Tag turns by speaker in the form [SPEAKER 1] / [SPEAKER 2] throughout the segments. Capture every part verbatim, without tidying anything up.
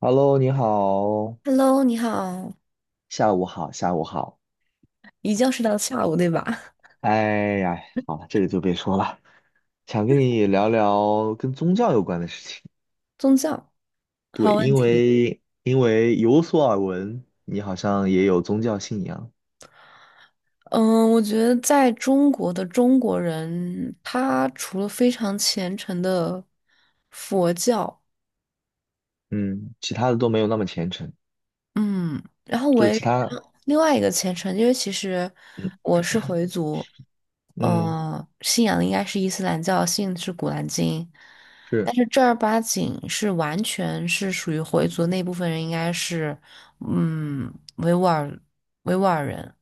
[SPEAKER 1] Hello，你好，
[SPEAKER 2] Hello，你好，
[SPEAKER 1] 下午好，下午好。
[SPEAKER 2] 一觉睡到下午，对吧？
[SPEAKER 1] 哎呀，好了，这个就别说了，想跟你聊聊跟宗教有关的事情。
[SPEAKER 2] 宗教，
[SPEAKER 1] 对，
[SPEAKER 2] 好问
[SPEAKER 1] 因
[SPEAKER 2] 题。
[SPEAKER 1] 为因为有所耳闻，你好像也有宗教信仰，
[SPEAKER 2] 嗯，我觉得在中国的中国人，他除了非常虔诚的佛教，
[SPEAKER 1] 嗯，其他的都没有那么虔诚，
[SPEAKER 2] 嗯然后我
[SPEAKER 1] 就是
[SPEAKER 2] 也
[SPEAKER 1] 其他，
[SPEAKER 2] 另外一个虔诚，因为其实
[SPEAKER 1] 嗯
[SPEAKER 2] 我是回族，
[SPEAKER 1] 嗯，
[SPEAKER 2] 呃，信仰的应该是伊斯兰教，信的是《古兰经》，
[SPEAKER 1] 是，
[SPEAKER 2] 但是正儿八经是完全是属于回族那部分人，应该是嗯维吾尔维吾尔人，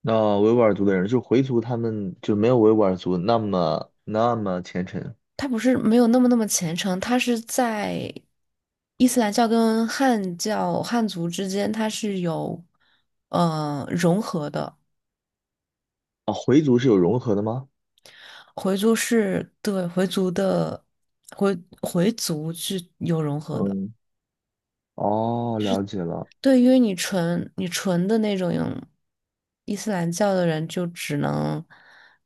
[SPEAKER 1] 那维吾尔族的人，就回族，他们就没有维吾尔族那么那么虔诚
[SPEAKER 2] 他不是没有那么那么虔诚，他是在伊斯兰教跟汉教汉族之间，他是有呃融合的。
[SPEAKER 1] 啊。回族是有融合的吗？
[SPEAKER 2] 回族是对回族的回回族是有融合的，
[SPEAKER 1] 嗯，哦，了解了。
[SPEAKER 2] 对因为你纯你纯的那种伊斯兰教的人，就只能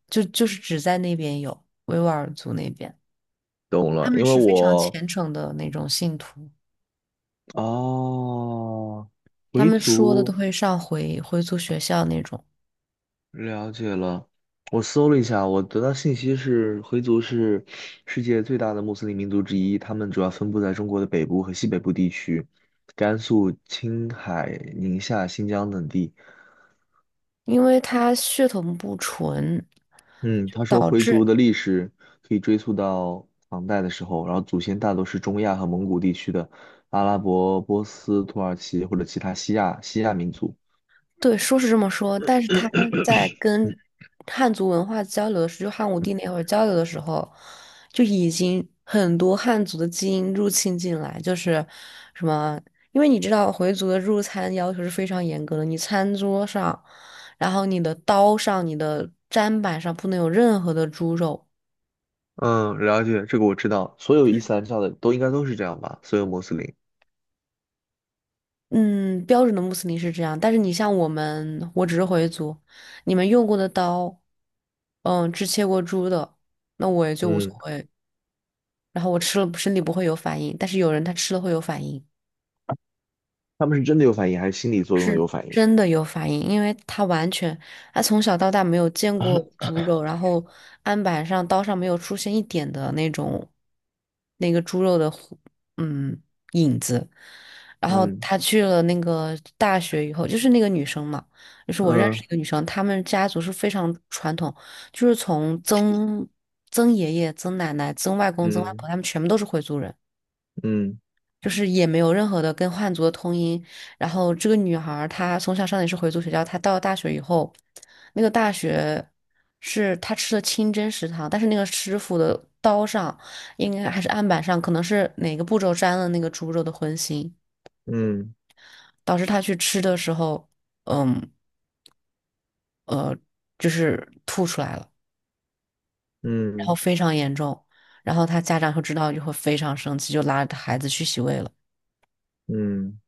[SPEAKER 2] 就就是只在那边有维吾尔族那边，
[SPEAKER 1] 懂
[SPEAKER 2] 他
[SPEAKER 1] 了，
[SPEAKER 2] 们
[SPEAKER 1] 因为
[SPEAKER 2] 是非常
[SPEAKER 1] 我
[SPEAKER 2] 虔诚的那种信徒，
[SPEAKER 1] 哦，
[SPEAKER 2] 他
[SPEAKER 1] 回
[SPEAKER 2] 们说的都
[SPEAKER 1] 族
[SPEAKER 2] 会上回回族学校那种，
[SPEAKER 1] 了解了。我搜了一下，我得到信息是，回族是世界最大的穆斯林民族之一，他们主要分布在中国的北部和西北部地区，甘肃、青海、宁夏、新疆等地。
[SPEAKER 2] 因为他血统不纯，
[SPEAKER 1] 嗯，
[SPEAKER 2] 就
[SPEAKER 1] 他说
[SPEAKER 2] 导
[SPEAKER 1] 回族
[SPEAKER 2] 致
[SPEAKER 1] 的历史可以追溯到唐代的时候，然后祖先大多是中亚和蒙古地区的阿拉伯、波斯、土耳其或者其他西亚西亚民族。
[SPEAKER 2] 对，说是这么说，但是他在跟汉族文化交流的时候，就汉武帝那会儿交流的时候，就已经很多汉族的基因入侵进来，就是什么，因为你知道回族的入餐要求是非常严格的，你餐桌上，然后你的刀上、你的砧板上不能有任何的猪肉。
[SPEAKER 1] 嗯，了解，这个我知道，所有伊斯兰教的都应该都是这样吧？所有穆斯林，
[SPEAKER 2] 嗯，标准的穆斯林是这样，但是你像我们，我只是回族，你们用过的刀，嗯，只切过猪的，那我也就无所
[SPEAKER 1] 嗯
[SPEAKER 2] 谓。然后我吃了身体不会有反应，但是有人他吃了会有反应，
[SPEAKER 1] 他们是真的有反应，还是心理作用的有
[SPEAKER 2] 是，
[SPEAKER 1] 反应？
[SPEAKER 2] 真的有反应，因为他完全他从小到大没有见过猪肉，然后案板上刀上没有出现一点的那种那个猪肉的糊嗯影子，然后
[SPEAKER 1] 嗯
[SPEAKER 2] 他去了那个大学以后，就是那个女生嘛，就是我认识
[SPEAKER 1] 嗯，
[SPEAKER 2] 一个女生，她们家族是非常传统，就是从曾曾爷爷、曾奶奶、曾外公、曾外婆，
[SPEAKER 1] 嗯
[SPEAKER 2] 他们全部都是回族人。
[SPEAKER 1] 嗯
[SPEAKER 2] 就是也没有任何的跟汉族的通音。然后这个女孩儿她从小上的也是回族学校，她到了大学以后，那个大学是她吃的清真食堂，但是那个师傅的刀上应该还是案板上，可能是哪个步骤沾了那个猪肉的荤腥，
[SPEAKER 1] 嗯
[SPEAKER 2] 导致她去吃的时候，嗯呃，就是吐出来了，然后
[SPEAKER 1] 嗯
[SPEAKER 2] 非常严重。然后她家长就知道就会非常生气，就拉着孩子去洗胃了。
[SPEAKER 1] 嗯，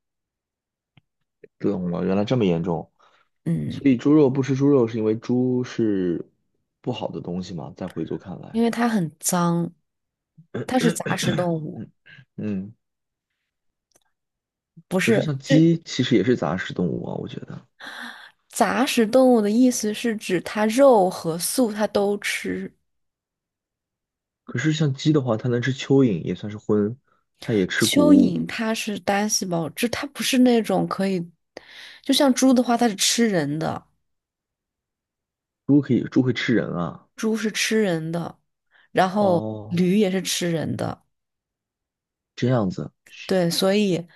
[SPEAKER 1] 懂了，原来这么严重。
[SPEAKER 2] 嗯。
[SPEAKER 1] 所以猪肉不吃猪肉是因为猪是不好的东西吗？在回族看
[SPEAKER 2] 因
[SPEAKER 1] 来，
[SPEAKER 2] 为它很脏，它是杂食动物，
[SPEAKER 1] 嗯嗯，
[SPEAKER 2] 不
[SPEAKER 1] 可是
[SPEAKER 2] 是，
[SPEAKER 1] 像
[SPEAKER 2] 就
[SPEAKER 1] 鸡其实也是杂食动物啊，我觉得。
[SPEAKER 2] 杂食动物的意思是指它肉和素它都吃。
[SPEAKER 1] 可是像鸡的话，它能吃蚯蚓，也算是荤，它也吃谷
[SPEAKER 2] 蚯
[SPEAKER 1] 物。
[SPEAKER 2] 蚓它是单细胞，就它不是那种可以，就像猪的话，它是吃人的，
[SPEAKER 1] 猪可以，猪会吃人啊。
[SPEAKER 2] 猪是吃人的，然后
[SPEAKER 1] 哦，
[SPEAKER 2] 驴也是吃人的，
[SPEAKER 1] 这样子，
[SPEAKER 2] 对，所以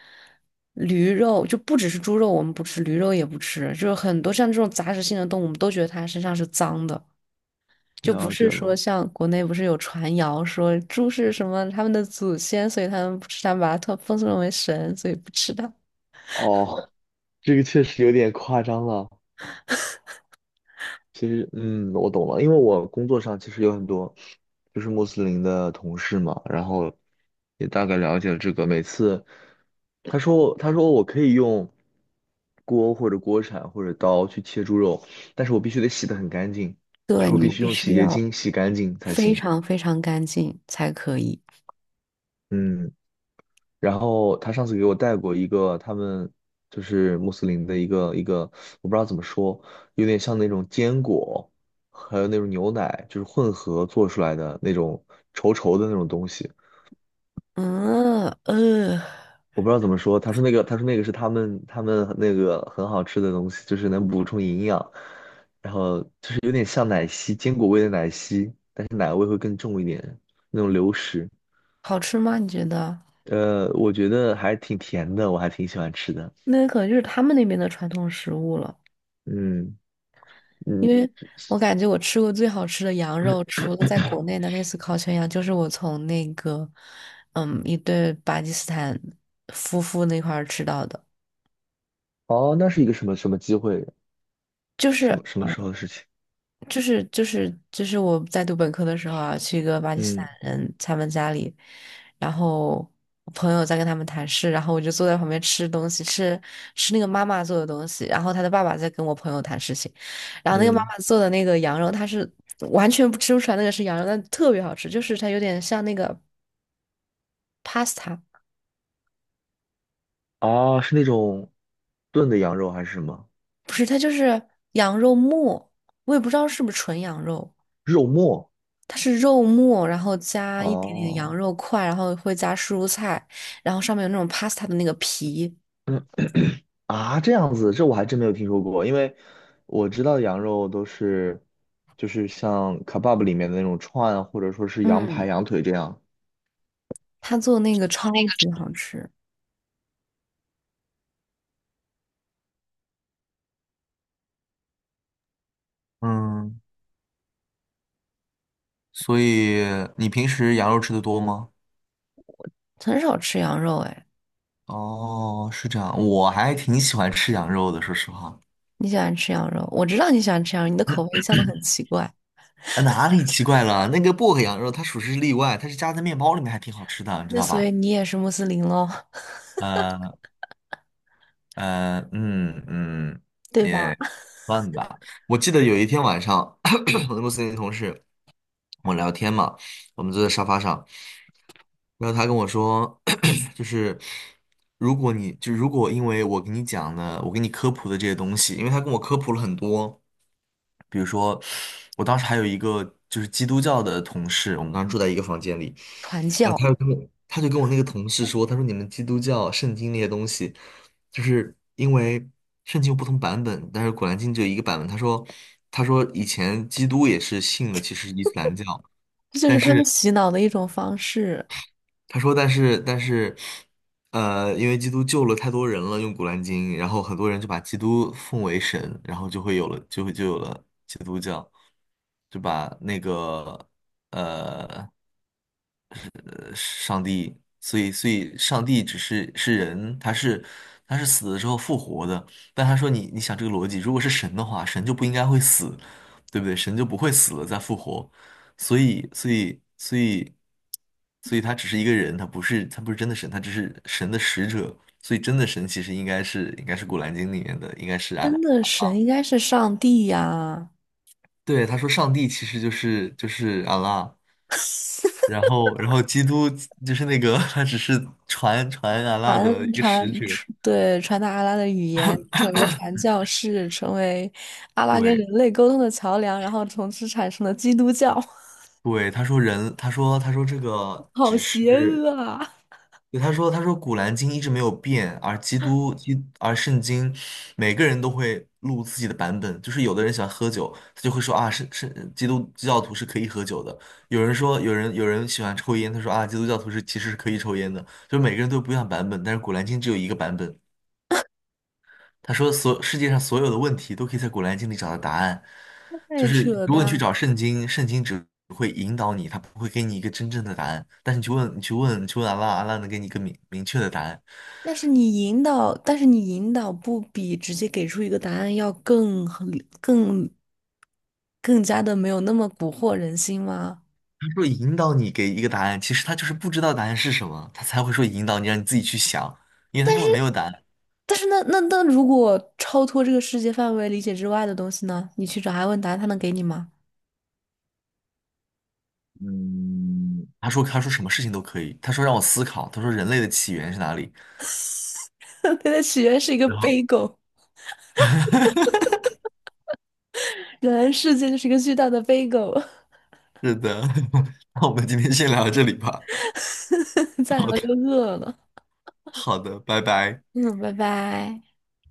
[SPEAKER 2] 驴肉就不只是猪肉，我们不吃，驴肉也不吃，就是很多像这种杂食性的动物，我们都觉得它身上是脏的。就不
[SPEAKER 1] 了解
[SPEAKER 2] 是说
[SPEAKER 1] 了。
[SPEAKER 2] 像国内不是有传谣说猪是什么他们的祖先，所以他们不吃它，把它特奉送为神，所以不吃它。
[SPEAKER 1] 哦，这个确实有点夸张了。其实，嗯，我懂了，因为我工作上其实有很多就是穆斯林的同事嘛，然后也大概了解了这个。每次他说他说我可以用锅或者锅铲或者刀去切猪肉，但是我必须得洗得很干净，就
[SPEAKER 2] 对，
[SPEAKER 1] 是我
[SPEAKER 2] 你
[SPEAKER 1] 必须
[SPEAKER 2] 必
[SPEAKER 1] 用洗
[SPEAKER 2] 须
[SPEAKER 1] 洁
[SPEAKER 2] 要
[SPEAKER 1] 精洗干净才
[SPEAKER 2] 非
[SPEAKER 1] 行。
[SPEAKER 2] 常非常干净才可以。
[SPEAKER 1] 嗯。然后他上次给我带过一个他们就是穆斯林的一个一个，我不知道怎么说，有点像那种坚果，还有那种牛奶，就是混合做出来的那种稠稠的那种东西。
[SPEAKER 2] 嗯呃，
[SPEAKER 1] 我不知道怎么说，他说那个，他说那个是他们他们那个很好吃的东西，就是能补充营养，然后就是有点像奶昔，坚果味的奶昔，但是奶味会更重一点，那种流食。
[SPEAKER 2] 好吃吗？你觉得？
[SPEAKER 1] 呃，我觉得还挺甜的，我还挺喜欢吃的。
[SPEAKER 2] 那可能就是他们那边的传统食物了，
[SPEAKER 1] 嗯。
[SPEAKER 2] 因
[SPEAKER 1] 嗯，
[SPEAKER 2] 为我感觉我吃过最好吃的羊肉，除了在国内的那次烤全羊，就是我从那个嗯一对巴基斯坦夫妇那块儿吃到的。
[SPEAKER 1] 哦，那是一个什么什么机会？
[SPEAKER 2] 就是
[SPEAKER 1] 什么什么时
[SPEAKER 2] 嗯，
[SPEAKER 1] 候的事情？
[SPEAKER 2] 就是就是就是我在读本科的时候啊，去一个巴基斯坦
[SPEAKER 1] 嗯
[SPEAKER 2] 人他们家里，然后我朋友在跟他们谈事，然后我就坐在旁边吃东西，吃吃那个妈妈做的东西，然后他的爸爸在跟我朋友谈事情，然后那个妈
[SPEAKER 1] 嗯，
[SPEAKER 2] 妈做的那个羊肉，它是完全不吃不出来那个是羊肉，但特别好吃，就是它有点像那个 pasta，
[SPEAKER 1] 啊，是那种炖的羊肉还是什么
[SPEAKER 2] 不是，它就是羊肉末，我也不知道是不是纯羊肉。
[SPEAKER 1] 肉末？
[SPEAKER 2] 它是肉末，然后加一点点
[SPEAKER 1] 哦，
[SPEAKER 2] 羊肉块，然后会加蔬菜，然后上面有那种 pasta 的那个皮。
[SPEAKER 1] 嗯啊，这样子，这我还真没有听说过，因为我知道的羊肉都是就是像 kebab 里面的那种串，或者说是羊排、
[SPEAKER 2] 嗯，
[SPEAKER 1] 羊腿这样。
[SPEAKER 2] 他做那个超级好吃，
[SPEAKER 1] 嗯，所以你平时羊肉吃的多吗？
[SPEAKER 2] 很少吃羊肉哎。
[SPEAKER 1] 哦，是这样，我还挺喜欢吃羊肉的，说实话。
[SPEAKER 2] 你喜欢吃羊肉？我知道你喜欢吃羊肉，你的口味一向都很奇怪。
[SPEAKER 1] 呃哪里奇怪了？那个薄荷羊肉它属实是例外，它是夹在面包里面，还挺好吃的，你知
[SPEAKER 2] 那
[SPEAKER 1] 道
[SPEAKER 2] 所以
[SPEAKER 1] 吧？
[SPEAKER 2] 你也是穆斯林喽，
[SPEAKER 1] 呃呃，嗯嗯，
[SPEAKER 2] 对吧？
[SPEAKER 1] 也 算吧。我记得有一天晚上，我的公司那个同事，我聊天嘛，我们坐在沙发上，然后他跟我说，就是如果你就如果因为我给你讲的，我给你科普的这些东西，因为他跟我科普了很多。比如说，我当时还有一个就是基督教的同事，我们当时住在一个房间里，
[SPEAKER 2] 传
[SPEAKER 1] 然后他
[SPEAKER 2] 教，
[SPEAKER 1] 就跟我，他就跟我那个同事说，他说你们基督教圣经那些东西，就是因为圣经有不同版本，但是《古兰经》只有一个版本。他说，他说以前基督也是信的，其实是伊斯兰教，
[SPEAKER 2] 这就
[SPEAKER 1] 但
[SPEAKER 2] 是他们
[SPEAKER 1] 是。
[SPEAKER 2] 洗脑的一种方式，
[SPEAKER 1] 他说，但是但是，呃，因为基督救了太多人了，用《古兰经》，然后很多人就把基督奉为神，然后就会有了，就会就有了基督教，就把那个呃上帝，所以所以上帝只是是人，他是他是死了之后复活的。但他说你你想这个逻辑，如果是神的话，神就不应该会死，对不对？神就不会死了再复活，所以所以所以所以他只是一个人，他不是他不是真的神，他只是神的使者。所以真的神其实应该是应该是《古兰经》里面的，应该是
[SPEAKER 2] 真
[SPEAKER 1] 安。
[SPEAKER 2] 的，神应该是上帝呀、
[SPEAKER 1] 对，他说上帝其实就是就是阿拉。然后然后基督就是那个 他只是传传安拉的
[SPEAKER 2] 传
[SPEAKER 1] 一个
[SPEAKER 2] 传
[SPEAKER 1] 使
[SPEAKER 2] 传
[SPEAKER 1] 者，
[SPEAKER 2] 对，传达阿拉的语言，成为一个传教士，成为阿拉跟
[SPEAKER 1] 对
[SPEAKER 2] 人类沟通的桥梁，然后从此产生了基督教，
[SPEAKER 1] 对，他说人，他说他说这个
[SPEAKER 2] 好
[SPEAKER 1] 只
[SPEAKER 2] 邪
[SPEAKER 1] 是，
[SPEAKER 2] 恶啊！
[SPEAKER 1] 对他说他说古兰经一直没有变，而基督基而圣经，每个人都会录自己的版本，就是有的人喜欢喝酒，他就会说啊，是是基督教徒是可以喝酒的，有人说有人有人喜欢抽烟，他说啊，基督教徒是其实是可以抽烟的，就是每个人都有不一样的版本，但是古兰经只有一个版本，他说所世界上所有的问题都可以在《古兰经》里找到答案，就
[SPEAKER 2] 太
[SPEAKER 1] 是
[SPEAKER 2] 扯
[SPEAKER 1] 如果你去
[SPEAKER 2] 淡了。
[SPEAKER 1] 找圣经，圣经只会引导你，他不会给你一个真正的答案。但是你去问，你去问，你去问阿拉，阿拉能给你一个明明确的答案。
[SPEAKER 2] 但是你引导，但是你引导不比直接给出一个答案要更合更更加的没有那么蛊惑人心吗？
[SPEAKER 1] 他说引导你给一个答案，其实他就是不知道答案是什么，他才会说引导你，让你自己去想，因为他根本没有答案。
[SPEAKER 2] 但是那那那如果超脱这个世界范围理解之外的东西呢？你去找他问答案他能给你吗？
[SPEAKER 1] 嗯，他说他说什么事情都可以，他说让我思考，他说人类的起源是哪里？
[SPEAKER 2] 他的起源是一个
[SPEAKER 1] 然后
[SPEAKER 2] b 狗。原来世界就是一个巨大的飞狗，
[SPEAKER 1] 是的，那我们今天先聊到这里吧。
[SPEAKER 2] 再聊
[SPEAKER 1] 好的，
[SPEAKER 2] 就饿了。
[SPEAKER 1] 好的，拜拜。
[SPEAKER 2] 嗯，拜拜。